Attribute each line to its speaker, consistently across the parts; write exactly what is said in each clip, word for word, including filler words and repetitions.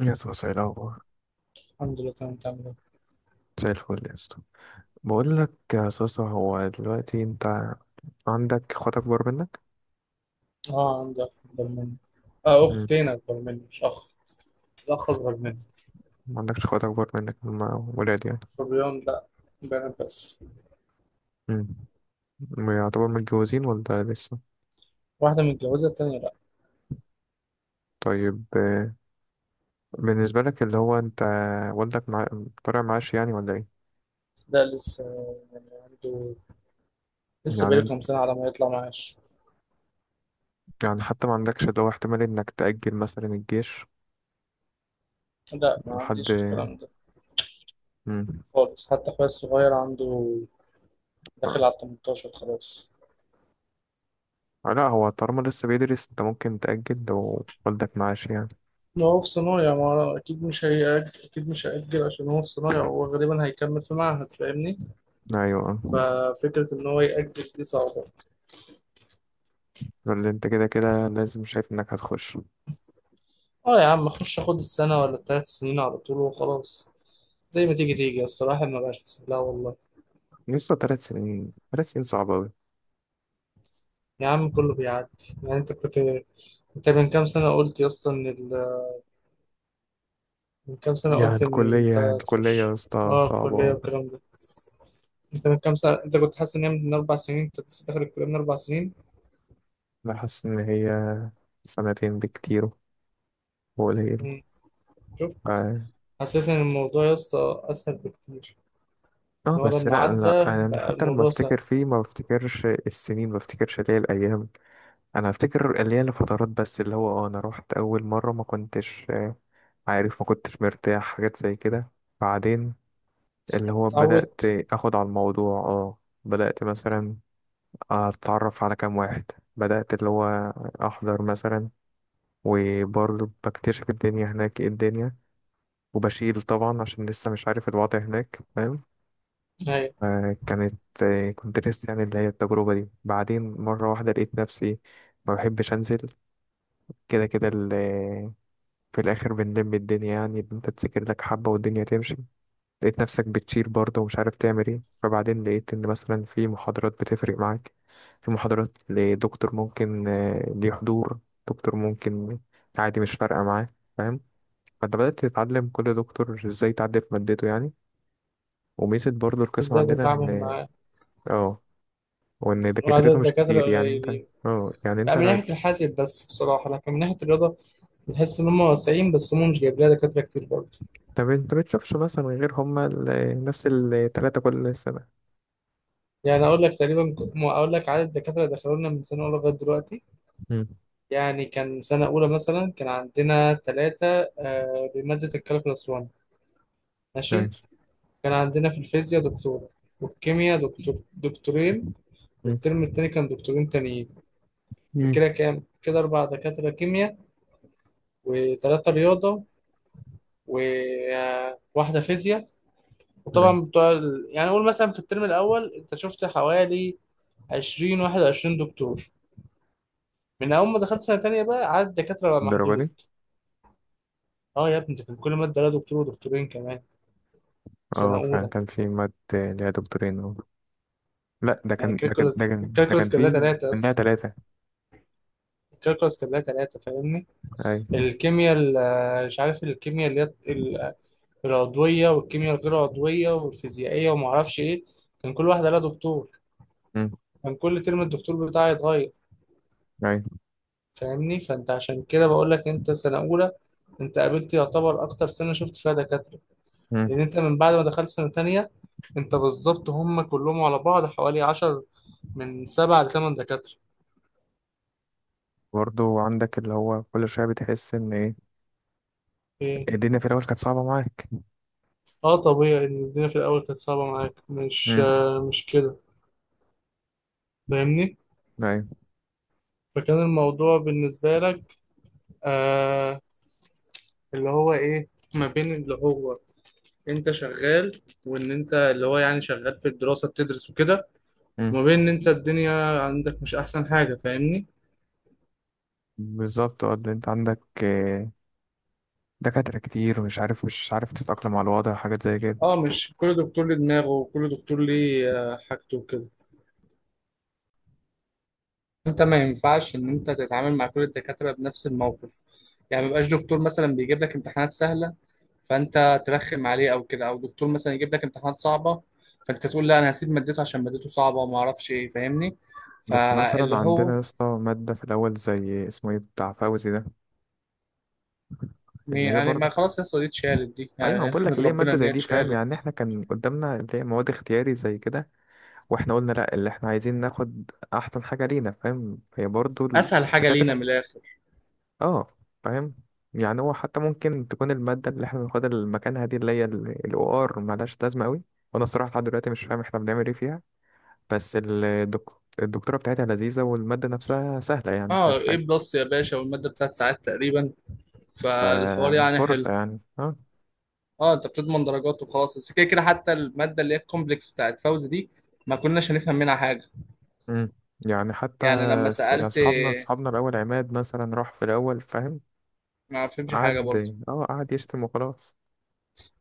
Speaker 1: يا اسطى ايه الاخبار؟
Speaker 2: الحمد لله، تمام. تعمل ايه؟
Speaker 1: زي الفل يا اسطى. بقول لك يا اسطى، هو دلوقتي انت عندك اخوات اكبر منك؟
Speaker 2: اه، عندي اخ اكبر مني. اه،
Speaker 1: مم.
Speaker 2: اختين اكبر مني مش اخ. الاخ اصغر مني.
Speaker 1: ما عندكش اخوات اكبر منك، هما ولاد يعني؟
Speaker 2: صبيان؟ لا، بنات بس.
Speaker 1: مم. يعتبر متجوزين ولا لسه؟
Speaker 2: واحده متجوزه، التانيه لا.
Speaker 1: طيب آه، بالنسبة لك اللي هو انت والدك مع... طالع معاش يعني ولا ايه؟
Speaker 2: ده لسه، يعني عنده لسه
Speaker 1: يعني
Speaker 2: بقاله كام
Speaker 1: انت-
Speaker 2: سنه على ما يطلع معاش.
Speaker 1: يعني حتى ما عندكش اللي هو احتمال انك تأجل مثلا الجيش
Speaker 2: لا، ما
Speaker 1: لحد
Speaker 2: عنديش الكلام ده
Speaker 1: مم.
Speaker 2: خالص. حتى اخويا الصغير عنده
Speaker 1: آه،
Speaker 2: داخل على تمنتاشر خلاص.
Speaker 1: لا هو طالما لسه بيدرس انت ممكن تأجل لو والدك معاش يعني.
Speaker 2: ما هو في صنايع، ما هو أكيد مش هيأجل، أكيد مش هيأجل عشان هو في صنايع. هو غالبا هيكمل في معهد، فاهمني؟
Speaker 1: ايوه،
Speaker 2: ففكرة إن هو يأجل دي صعبة.
Speaker 1: اللي انت كده كده لازم شايف انك هتخش.
Speaker 2: اه يا عم، اخش اخد السنة ولا التلات سنين على طول وخلاص. زي ما تيجي تيجي، اصل الواحد ما بقاش حاسب لها والله.
Speaker 1: لسه تلات سنين، تلات سنين صعبة أوي.
Speaker 2: يا عم، كله بيعدي. يعني انت كنت انت من كام سنة قلت يا اسطى ان ال... من كام سنة
Speaker 1: يعني
Speaker 2: قلت ان
Speaker 1: الكلية
Speaker 2: انت
Speaker 1: الكلية يا
Speaker 2: تخش.
Speaker 1: اسطى
Speaker 2: اه، الكلية
Speaker 1: صعبة.
Speaker 2: والكلام ده. انت من كام سنة، انت كنت حاسس ان هي من اربع سنين، انت لسه داخل الكلية من اربع سنين.
Speaker 1: أنا حاسس إن هي سنتين بكتير وقليل.
Speaker 2: مم. شفت،
Speaker 1: اه،
Speaker 2: حسيت ان الموضوع يا اسطى اسهل بكتير،
Speaker 1: آه،
Speaker 2: ان هو
Speaker 1: بس
Speaker 2: لما
Speaker 1: لا لا.
Speaker 2: عدى
Speaker 1: أنا
Speaker 2: بقى
Speaker 1: حتى لما
Speaker 2: الموضوع سهل.
Speaker 1: أفتكر فيه ما بفتكرش السنين، ما بفتكرش اللي هي الأيام. أنا أفتكر اللي هي الفترات بس، اللي هو اه أنا روحت أول مرة ما كنتش آه، عارف، ما كنتش مرتاح، حاجات زي كده. بعدين اللي هو بدأت
Speaker 2: اتعودت.
Speaker 1: أخد على الموضوع اه. بدأت مثلا اتعرف على كام واحد، بدأت اللي هو احضر مثلا، وبرضه بكتشف الدنيا هناك، ايه الدنيا، وبشيل طبعا عشان لسه مش عارف الوضع هناك، فاهم؟
Speaker 2: ايوه،
Speaker 1: آه، كانت آه، كنت لسه يعني اللي هي التجربة دي. بعدين مرة واحدة لقيت نفسي ما بحبش انزل. كده كده ال- في الاخر بنلم الدنيا، يعني انت تذاكر لك حبة والدنيا تمشي. لقيت نفسك بتشيل برضه ومش عارف تعمل ايه. فبعدين لقيت ان مثلا في محاضرات بتفرق معاك، في محاضرات لدكتور ممكن آه، ليه حضور، دكتور ممكن عادي مش فارقة معاه، فاهم؟ فانت بدأت تتعلم كل دكتور ازاي تعدي في مادته يعني. وميزة برضه القسم
Speaker 2: ازاي
Speaker 1: عندنا
Speaker 2: تتعامل
Speaker 1: ان
Speaker 2: معاه
Speaker 1: اه، وان
Speaker 2: وعدد
Speaker 1: دكاترته مش
Speaker 2: الدكاترة
Speaker 1: كتير، يعني انت
Speaker 2: قليلين.
Speaker 1: اه، يعني
Speaker 2: لا،
Speaker 1: انت
Speaker 2: من
Speaker 1: لا-
Speaker 2: ناحية الحاسب بس بصراحة، لكن من ناحية الرياضة بتحس إن هم واسعين، بس هم مش جايب لها دكاترة كتير برضه.
Speaker 1: طب انت بتشوفش مثلا غير هما ال- نفس التلاتة كل سنة؟
Speaker 2: يعني أقول لك تقريبا، ك- م- أقول لك عدد الدكاترة اللي دخلوا لنا من سنة أولى لغاية دلوقتي.
Speaker 1: امم.
Speaker 2: يعني كان سنة أولى مثلا كان عندنا ثلاثة، آه، بمادة الكالكولاس واحد، ماشي.
Speaker 1: نايس.
Speaker 2: كان عندنا في الفيزياء دكتور، والكيمياء دكتور دكتورين.
Speaker 1: مم.
Speaker 2: والترم التاني كان دكتورين تانيين.
Speaker 1: مم.
Speaker 2: فكده كام؟ كده أربع دكاترة كيمياء، وثلاثة رياضة، وواحدة فيزياء.
Speaker 1: نايس.
Speaker 2: وطبعا بتوع ال- يعني قول مثلا في الترم الاول انت شفت حوالي عشرين واحد وعشرين دكتور. من اول ما دخلت سنه تانية بقى عدد الدكاتره بقى
Speaker 1: الدرجة
Speaker 2: محدود.
Speaker 1: دي؟
Speaker 2: اه يا ابني، ده كان كل ماده لها دكتور ودكتورين كمان، سنه
Speaker 1: اه فعلا
Speaker 2: اولى.
Speaker 1: كان في ماد ليها دكتورين اه. لا ده
Speaker 2: يعني
Speaker 1: كان، ده كان ده
Speaker 2: الكالكولس
Speaker 1: كان ده
Speaker 2: الكالكولس
Speaker 1: كان
Speaker 2: كان لها
Speaker 1: في.
Speaker 2: ثلاثه يا
Speaker 1: ليها
Speaker 2: اسطى.
Speaker 1: تلاتة.
Speaker 2: الكالكولس كان لها ثلاثه، فاهمني؟
Speaker 1: أي.
Speaker 2: الكيمياء ال- مش عارف، الكيمياء اللي هي ال- العضويه والكيمياء الغير عضويه والفيزيائيه وما اعرفش ايه، كان كل واحده لها دكتور.
Speaker 1: أمم،
Speaker 2: كان كل ترم الدكتور بتاعي يتغير،
Speaker 1: أي.
Speaker 2: فاهمني؟ فانت عشان كده بقول لك، انت سنه اولى انت قابلت يعتبر اكتر سنه شفت فيها دكاتره.
Speaker 1: أمم.
Speaker 2: لان انت من بعد ما دخلت سنه تانية، انت بالظبط هم كلهم على بعض حوالي عشرة، من سبعة ل تمانية دكاتره.
Speaker 1: برضه عندك اللي هو كل شوية بتحس إن إيه،
Speaker 2: ايه؟
Speaker 1: الدنيا في الأول كانت صعبة معاك.
Speaker 2: اه طبيعي ان الدنيا في الاول كانت صعبه معاك، مش
Speaker 1: أمم،
Speaker 2: آه مش كده؟ فاهمني.
Speaker 1: أي.
Speaker 2: فكان الموضوع بالنسبه لك آه اللي هو ايه، ما بين اللي هو انت شغال، وان انت اللي هو يعني شغال في الدراسه بتدرس وكده،
Speaker 1: أمم.
Speaker 2: وما بين ان انت الدنيا عندك مش احسن حاجة، فاهمني؟
Speaker 1: بالظبط اه، اللي أنت عندك آه، دكاترة كتير ومش عارف، مش عارف تتأقلم على الوضع، حاجات زي كده.
Speaker 2: اه، مش كل دكتور ليه دماغه، وكل دكتور ليه آه، حاجته وكده. انت ما ينفعش ان انت تتعامل مع كل الدكاترة بنفس الموقف. يعني ما يبقاش دكتور مثلا بيجيب لك امتحانات سهلة فانت ترخم عليه او كده، او دكتور مثلا يجيب لك امتحانات صعبة فانت تقول لا انا هسيب مادته عشان مادته صعبة وما اعرفش ايه، فاهمني؟
Speaker 1: بس مثلا
Speaker 2: فاللي
Speaker 1: عندنا
Speaker 2: هو
Speaker 1: يا اسطى مادة في الأول زي اسمه إيه بتاع فوزي ده،
Speaker 2: يعني
Speaker 1: اللي هي
Speaker 2: يعني
Speaker 1: برضه
Speaker 2: ما
Speaker 1: ك-
Speaker 2: خلاص يا اسطى، دي اتشالت، دي
Speaker 1: ايوه
Speaker 2: يعني
Speaker 1: بقول لك
Speaker 2: نحمد
Speaker 1: ليه
Speaker 2: ربنا
Speaker 1: ماده
Speaker 2: ان
Speaker 1: زي
Speaker 2: هي
Speaker 1: دي، فاهم؟ يعني
Speaker 2: اتشالت.
Speaker 1: احنا كان قدامنا اللي هي مواد اختياري زي كده، واحنا قلنا لا اللي احنا عايزين ناخد احسن حاجة لينا، فاهم؟ هي برضو
Speaker 2: اسهل حاجة لينا من
Speaker 1: الدكاترة
Speaker 2: الاخر.
Speaker 1: اه فاهم. يعني هو حتى ممكن تكون المادة اللي احنا بناخدها مكانها دي، اللي هي ال او ار، ملهاش لازمة قوي. وانا الصراحة لحد دلوقتي مش فاهم احنا بنعمل ايه فيها. بس الدك... الدكتورة بتاعتها لذيذة، والمادة نفسها سهلة، يعني
Speaker 2: اه
Speaker 1: مفيهاش
Speaker 2: ايه
Speaker 1: حاجة.
Speaker 2: بلس يا باشا، والماده بتاعت ساعات تقريبا، فالحوار يعني حلو.
Speaker 1: ففرصة يعني اه.
Speaker 2: اه، انت بتضمن درجات وخلاص. بس كده كده حتى الماده اللي هي الكومبلكس بتاعت فوز دي ما كناش هنفهم منها حاجه.
Speaker 1: مم. يعني حتى
Speaker 2: يعني لما
Speaker 1: ص- يعني
Speaker 2: سالت،
Speaker 1: اصحابنا اصحابنا الاول عماد مثلا راح في الاول فاهم.
Speaker 2: ما فهمش حاجه
Speaker 1: قعد
Speaker 2: برضه.
Speaker 1: اه، قعد يشتم وخلاص.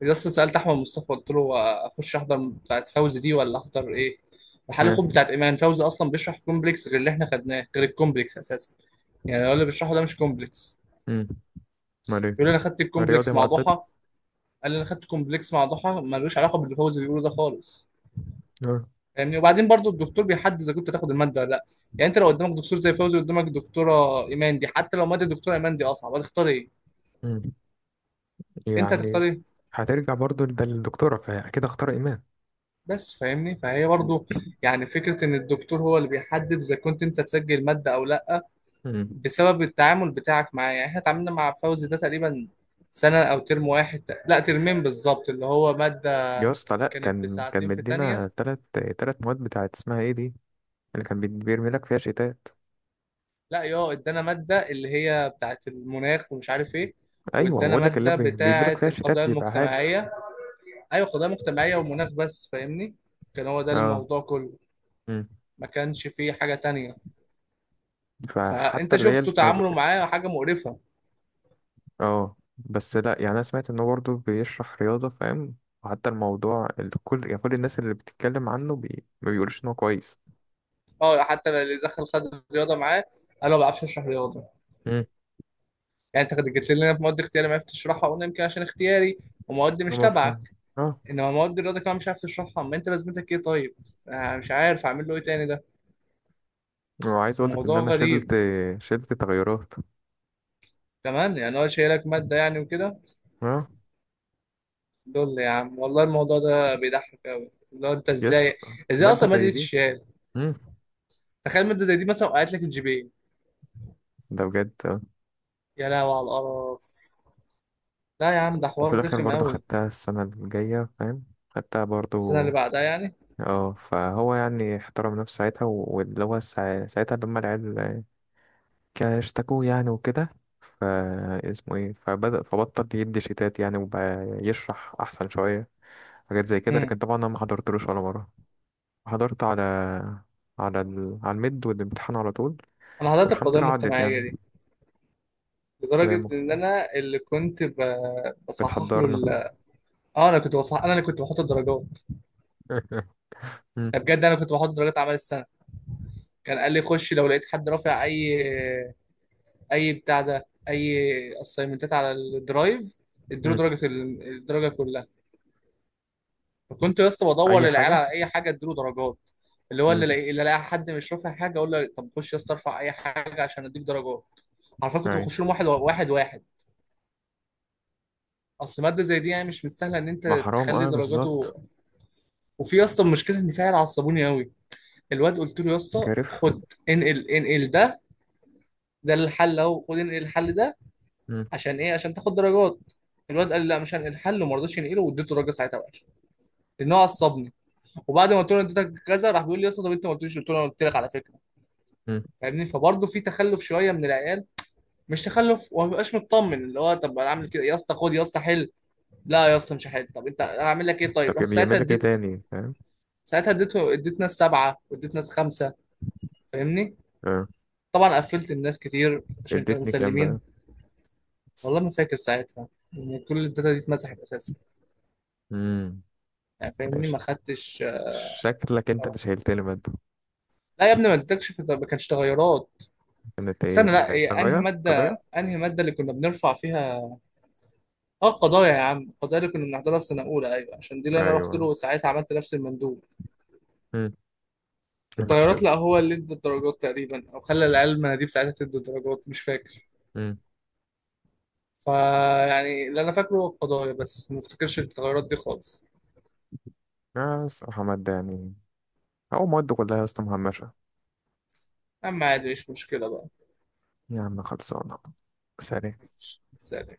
Speaker 2: لسه سالت احمد مصطفى، قلت له هو اخش احضر بتاعت فوز دي ولا احضر ايه، وحل
Speaker 1: مم.
Speaker 2: خد بتاعت ايمان. فوزي اصلا بيشرح كومبلكس غير اللي احنا خدناه، غير الكومبلكس اساسا. يعني هو اللي بيشرحه ده مش كومبلكس.
Speaker 1: مم. امال؟
Speaker 2: يقول لي انا خدت
Speaker 1: رياضي
Speaker 2: الكومبلكس مع
Speaker 1: معادلته.
Speaker 2: ضحى، قال لي انا خدت كومبلكس مع ضحى ملوش علاقه باللي فوزي بيقوله ده خالص،
Speaker 1: آه.
Speaker 2: فاهمني؟ وبعدين برضو الدكتور بيحدد اذا كنت تاخد الماده ولا لا. يعني انت لو قدامك دكتور زي فوزي، قدامك دكتوره ايمان دي، حتى لو ماده الدكتوره ايمان دي اصعب، هتختار ايه؟
Speaker 1: مم.
Speaker 2: انت
Speaker 1: يعني
Speaker 2: هتختار ايه؟
Speaker 1: هترجع برضو لد- للدكتورة، فأكيد اختار إيمان.
Speaker 2: بس فاهمني، فهي برضو، يعني فكره ان الدكتور هو اللي بيحدد اذا كنت انت تسجل ماده او لا،
Speaker 1: مم.
Speaker 2: بسبب التعامل بتاعك معاه. يعني احنا اتعاملنا مع فوزي ده تقريبا سنه، او ترم واحد، لا ترمين بالظبط، اللي هو ماده
Speaker 1: يا اسطى لأ،
Speaker 2: كانت
Speaker 1: كان كان
Speaker 2: بساعتين في
Speaker 1: مدينا
Speaker 2: تانية.
Speaker 1: تلات، تلات مواد بتاعت اسمها ايه دي، اللي كان بي- بيرمي لك فيها شيتات.
Speaker 2: لا، يا ادانا ماده اللي هي بتاعت المناخ ومش عارف ايه،
Speaker 1: أيوة
Speaker 2: وادانا
Speaker 1: بقول لك اللي
Speaker 2: ماده
Speaker 1: بي- بيديلك
Speaker 2: بتاعت
Speaker 1: فيها شيتات
Speaker 2: القضايا
Speaker 1: بيبيعها لك.
Speaker 2: المجتمعيه. ايوه، قضيه مجتمعيه ومناخ بس، فاهمني؟ كان هو ده
Speaker 1: اه.
Speaker 2: الموضوع كله،
Speaker 1: مم.
Speaker 2: ما كانش فيه حاجه تانية.
Speaker 1: فحتى
Speaker 2: فانت
Speaker 1: اللي هي
Speaker 2: شفته
Speaker 1: الت-
Speaker 2: تعامله معاه حاجه مقرفه.
Speaker 1: اه بس لأ، يعني أنا سمعت إنه برضو بيشرح رياضة فاهم. وحتى الموضوع اللي كل يعني كل الناس اللي بتتكلم عنه بي... ما بيقولوش إن هو كويس.
Speaker 2: اه، حتى اللي دخل خد رياضه معاه قال له ما بعرفش اشرح رياضه.
Speaker 1: مم.
Speaker 2: يعني انت جيت لنا في مواد اختياري ما عرفتش تشرحها، قلنا يمكن عشان اختياري ومواد مش
Speaker 1: هما فاهم
Speaker 2: تبعك،
Speaker 1: اه.
Speaker 2: انما مواد الرياضه كمان مش عارف تشرحها، ما انت لازمتك ايه طيب؟ آه مش عارف اعمل له ايه تاني ده،
Speaker 1: وعايز اقول لك ان
Speaker 2: موضوع
Speaker 1: انا
Speaker 2: غريب.
Speaker 1: شلت، شلت تغيرات
Speaker 2: كمان يعني هو شايلك ماده يعني وكده.
Speaker 1: اه.
Speaker 2: دول يا عم والله الموضوع ده بيضحك قوي، لو انت
Speaker 1: يس.
Speaker 2: ازاي، ازاي
Speaker 1: ماده
Speaker 2: اصلا ما
Speaker 1: زي دي؟
Speaker 2: اديتش.
Speaker 1: امم.
Speaker 2: تخيل مادة زي دي مثلا وقعت لك الجي بي اي،
Speaker 1: ده بجد آه.
Speaker 2: يا لهوي على القرف. لا يا عم، ده
Speaker 1: وفي
Speaker 2: حوار
Speaker 1: الاخر
Speaker 2: رخم
Speaker 1: برضه
Speaker 2: قوي.
Speaker 1: خدتها السنه الجايه فاهم، خدتها
Speaker 2: السنة
Speaker 1: برضه
Speaker 2: اللي بعدها يعني.
Speaker 1: اه. فهو يعني احترم نفسه ساعتها و- واللي هو سا- ساعتها لما العيال كا- اشتكوه يعني وكده، فا اسمه ايه، فبدأ، فبطل يدي شيتات يعني، وبقى يشرح احسن شويه، حاجات زي كده.
Speaker 2: امم
Speaker 1: لكن طبعا انا ما حضرتلوش ولا مره. حضرت على، على ال... على الميد والامتحان على طول،
Speaker 2: انا حضرت
Speaker 1: والحمد
Speaker 2: القضايا
Speaker 1: لله عدت
Speaker 2: المجتمعية
Speaker 1: يعني.
Speaker 2: دي، لدرجة
Speaker 1: كلامك.
Speaker 2: ان انا اللي كنت ب... بصحح له
Speaker 1: بتحضرنا.
Speaker 2: ال... اه، انا كنت بصحح، انا اللي كنت بحط الدرجات.
Speaker 1: مم.
Speaker 2: ده بجد، انا كنت بحط درجات اعمال السنة. كان قال لي خش لو لقيت حد رافع اي، اي بتاع ده، اي اسايمنتات على الدرايف، اديله
Speaker 1: مم.
Speaker 2: درجة ال- الدرجة كلها. كنت يا اسطى بدور
Speaker 1: أي
Speaker 2: للعيال
Speaker 1: حاجة.
Speaker 2: على اي حاجه اديله درجات. اللي هو
Speaker 1: مم.
Speaker 2: اللي لاقي اللي لاقي حد مش رافع حاجه اقول له طب خش يا اسطى، ارفع اي حاجه عشان اديك درجات. عارفين، كنت
Speaker 1: أيوة.
Speaker 2: بخش لهم واحد واحد واحد. اصل ماده زي دي يعني مش مستاهله ان انت
Speaker 1: ما حرام
Speaker 2: تخلي
Speaker 1: أه
Speaker 2: درجاته.
Speaker 1: بالظبط.
Speaker 2: وفي يا اسطى المشكله، ان في عيال عصبوني قوي. الواد قلت له يا اسطى
Speaker 1: كارف.
Speaker 2: خد، انقل انقل ده، ده الحل اهو، خد انقل الحل ده.
Speaker 1: مم.
Speaker 2: عشان ايه؟ عشان تاخد درجات. الواد قال لي لا مش هنقل الحل، وما رضاش ينقله، واديته درجه ساعتها وحشه لان هو عصبني. وبعد ما قلت له اديتك كذا، راح بيقول لي يا اسطى طب انت ما قلتليش، قلت له انا قلت لك على فكره،
Speaker 1: مم.
Speaker 2: فاهمني؟ فبرضه في تخلف شويه من العيال، مش تخلف، وما ببقاش مطمن اللي هو طب انا اعمل كده يا اسطى، خد يا اسطى حل. لا يا اسطى مش هحل، طب انت هعمل لك ايه
Speaker 1: طب
Speaker 2: طيب؟ رحت ساعتها
Speaker 1: بيعمل لك إيه
Speaker 2: اديت
Speaker 1: تاني فاهم؟
Speaker 2: ساعتها اديت اديت ناس سبعه واديت ناس خمسه، فاهمني؟
Speaker 1: أه.
Speaker 2: طبعا قفلت الناس كتير عشان كانوا
Speaker 1: اديتني كام
Speaker 2: مسلمين.
Speaker 1: بقى؟
Speaker 2: والله ما فاكر ساعتها، ان كل الداتا دي اتمسحت اساسا،
Speaker 1: مم.
Speaker 2: يعني فاهمني،
Speaker 1: ماشي.
Speaker 2: ما خدتش لا.
Speaker 1: شكلك أنت اللي شايلتني مادة.
Speaker 2: يا ابني ما اديتكش في- ما كانش تغيرات.
Speaker 1: كانت إيه؟
Speaker 2: استنى لا إيه، انهي
Speaker 1: قضايا، قضايا.
Speaker 2: ماده انهي ماده اللي كنا بنرفع فيها؟ اه القضايا، يا عم القضايا اللي كنا بنحضرها في سنه اولى. ايوه عشان دي اللي انا رحت
Speaker 1: أيوة.
Speaker 2: له ساعتها، عملت نفس المندوب.
Speaker 1: مم.
Speaker 2: الطيارات، لا
Speaker 1: شفت.
Speaker 2: هو اللي ادى الدرجات تقريبا، او خلى العيال المناديب ساعتها تدي الدرجات، مش فاكر.
Speaker 1: مم.
Speaker 2: فيعني اللي انا فاكره هو القضايا بس، ما افتكرش التغيرات دي خالص.
Speaker 1: آه الصراحة مادة يعني، أو مواد كلها يا اسطى مهمشة.
Speaker 2: اما عادي مش مشكله بقى.
Speaker 1: يا عم خلصانة. سلام.
Speaker 2: ماشي، سلام.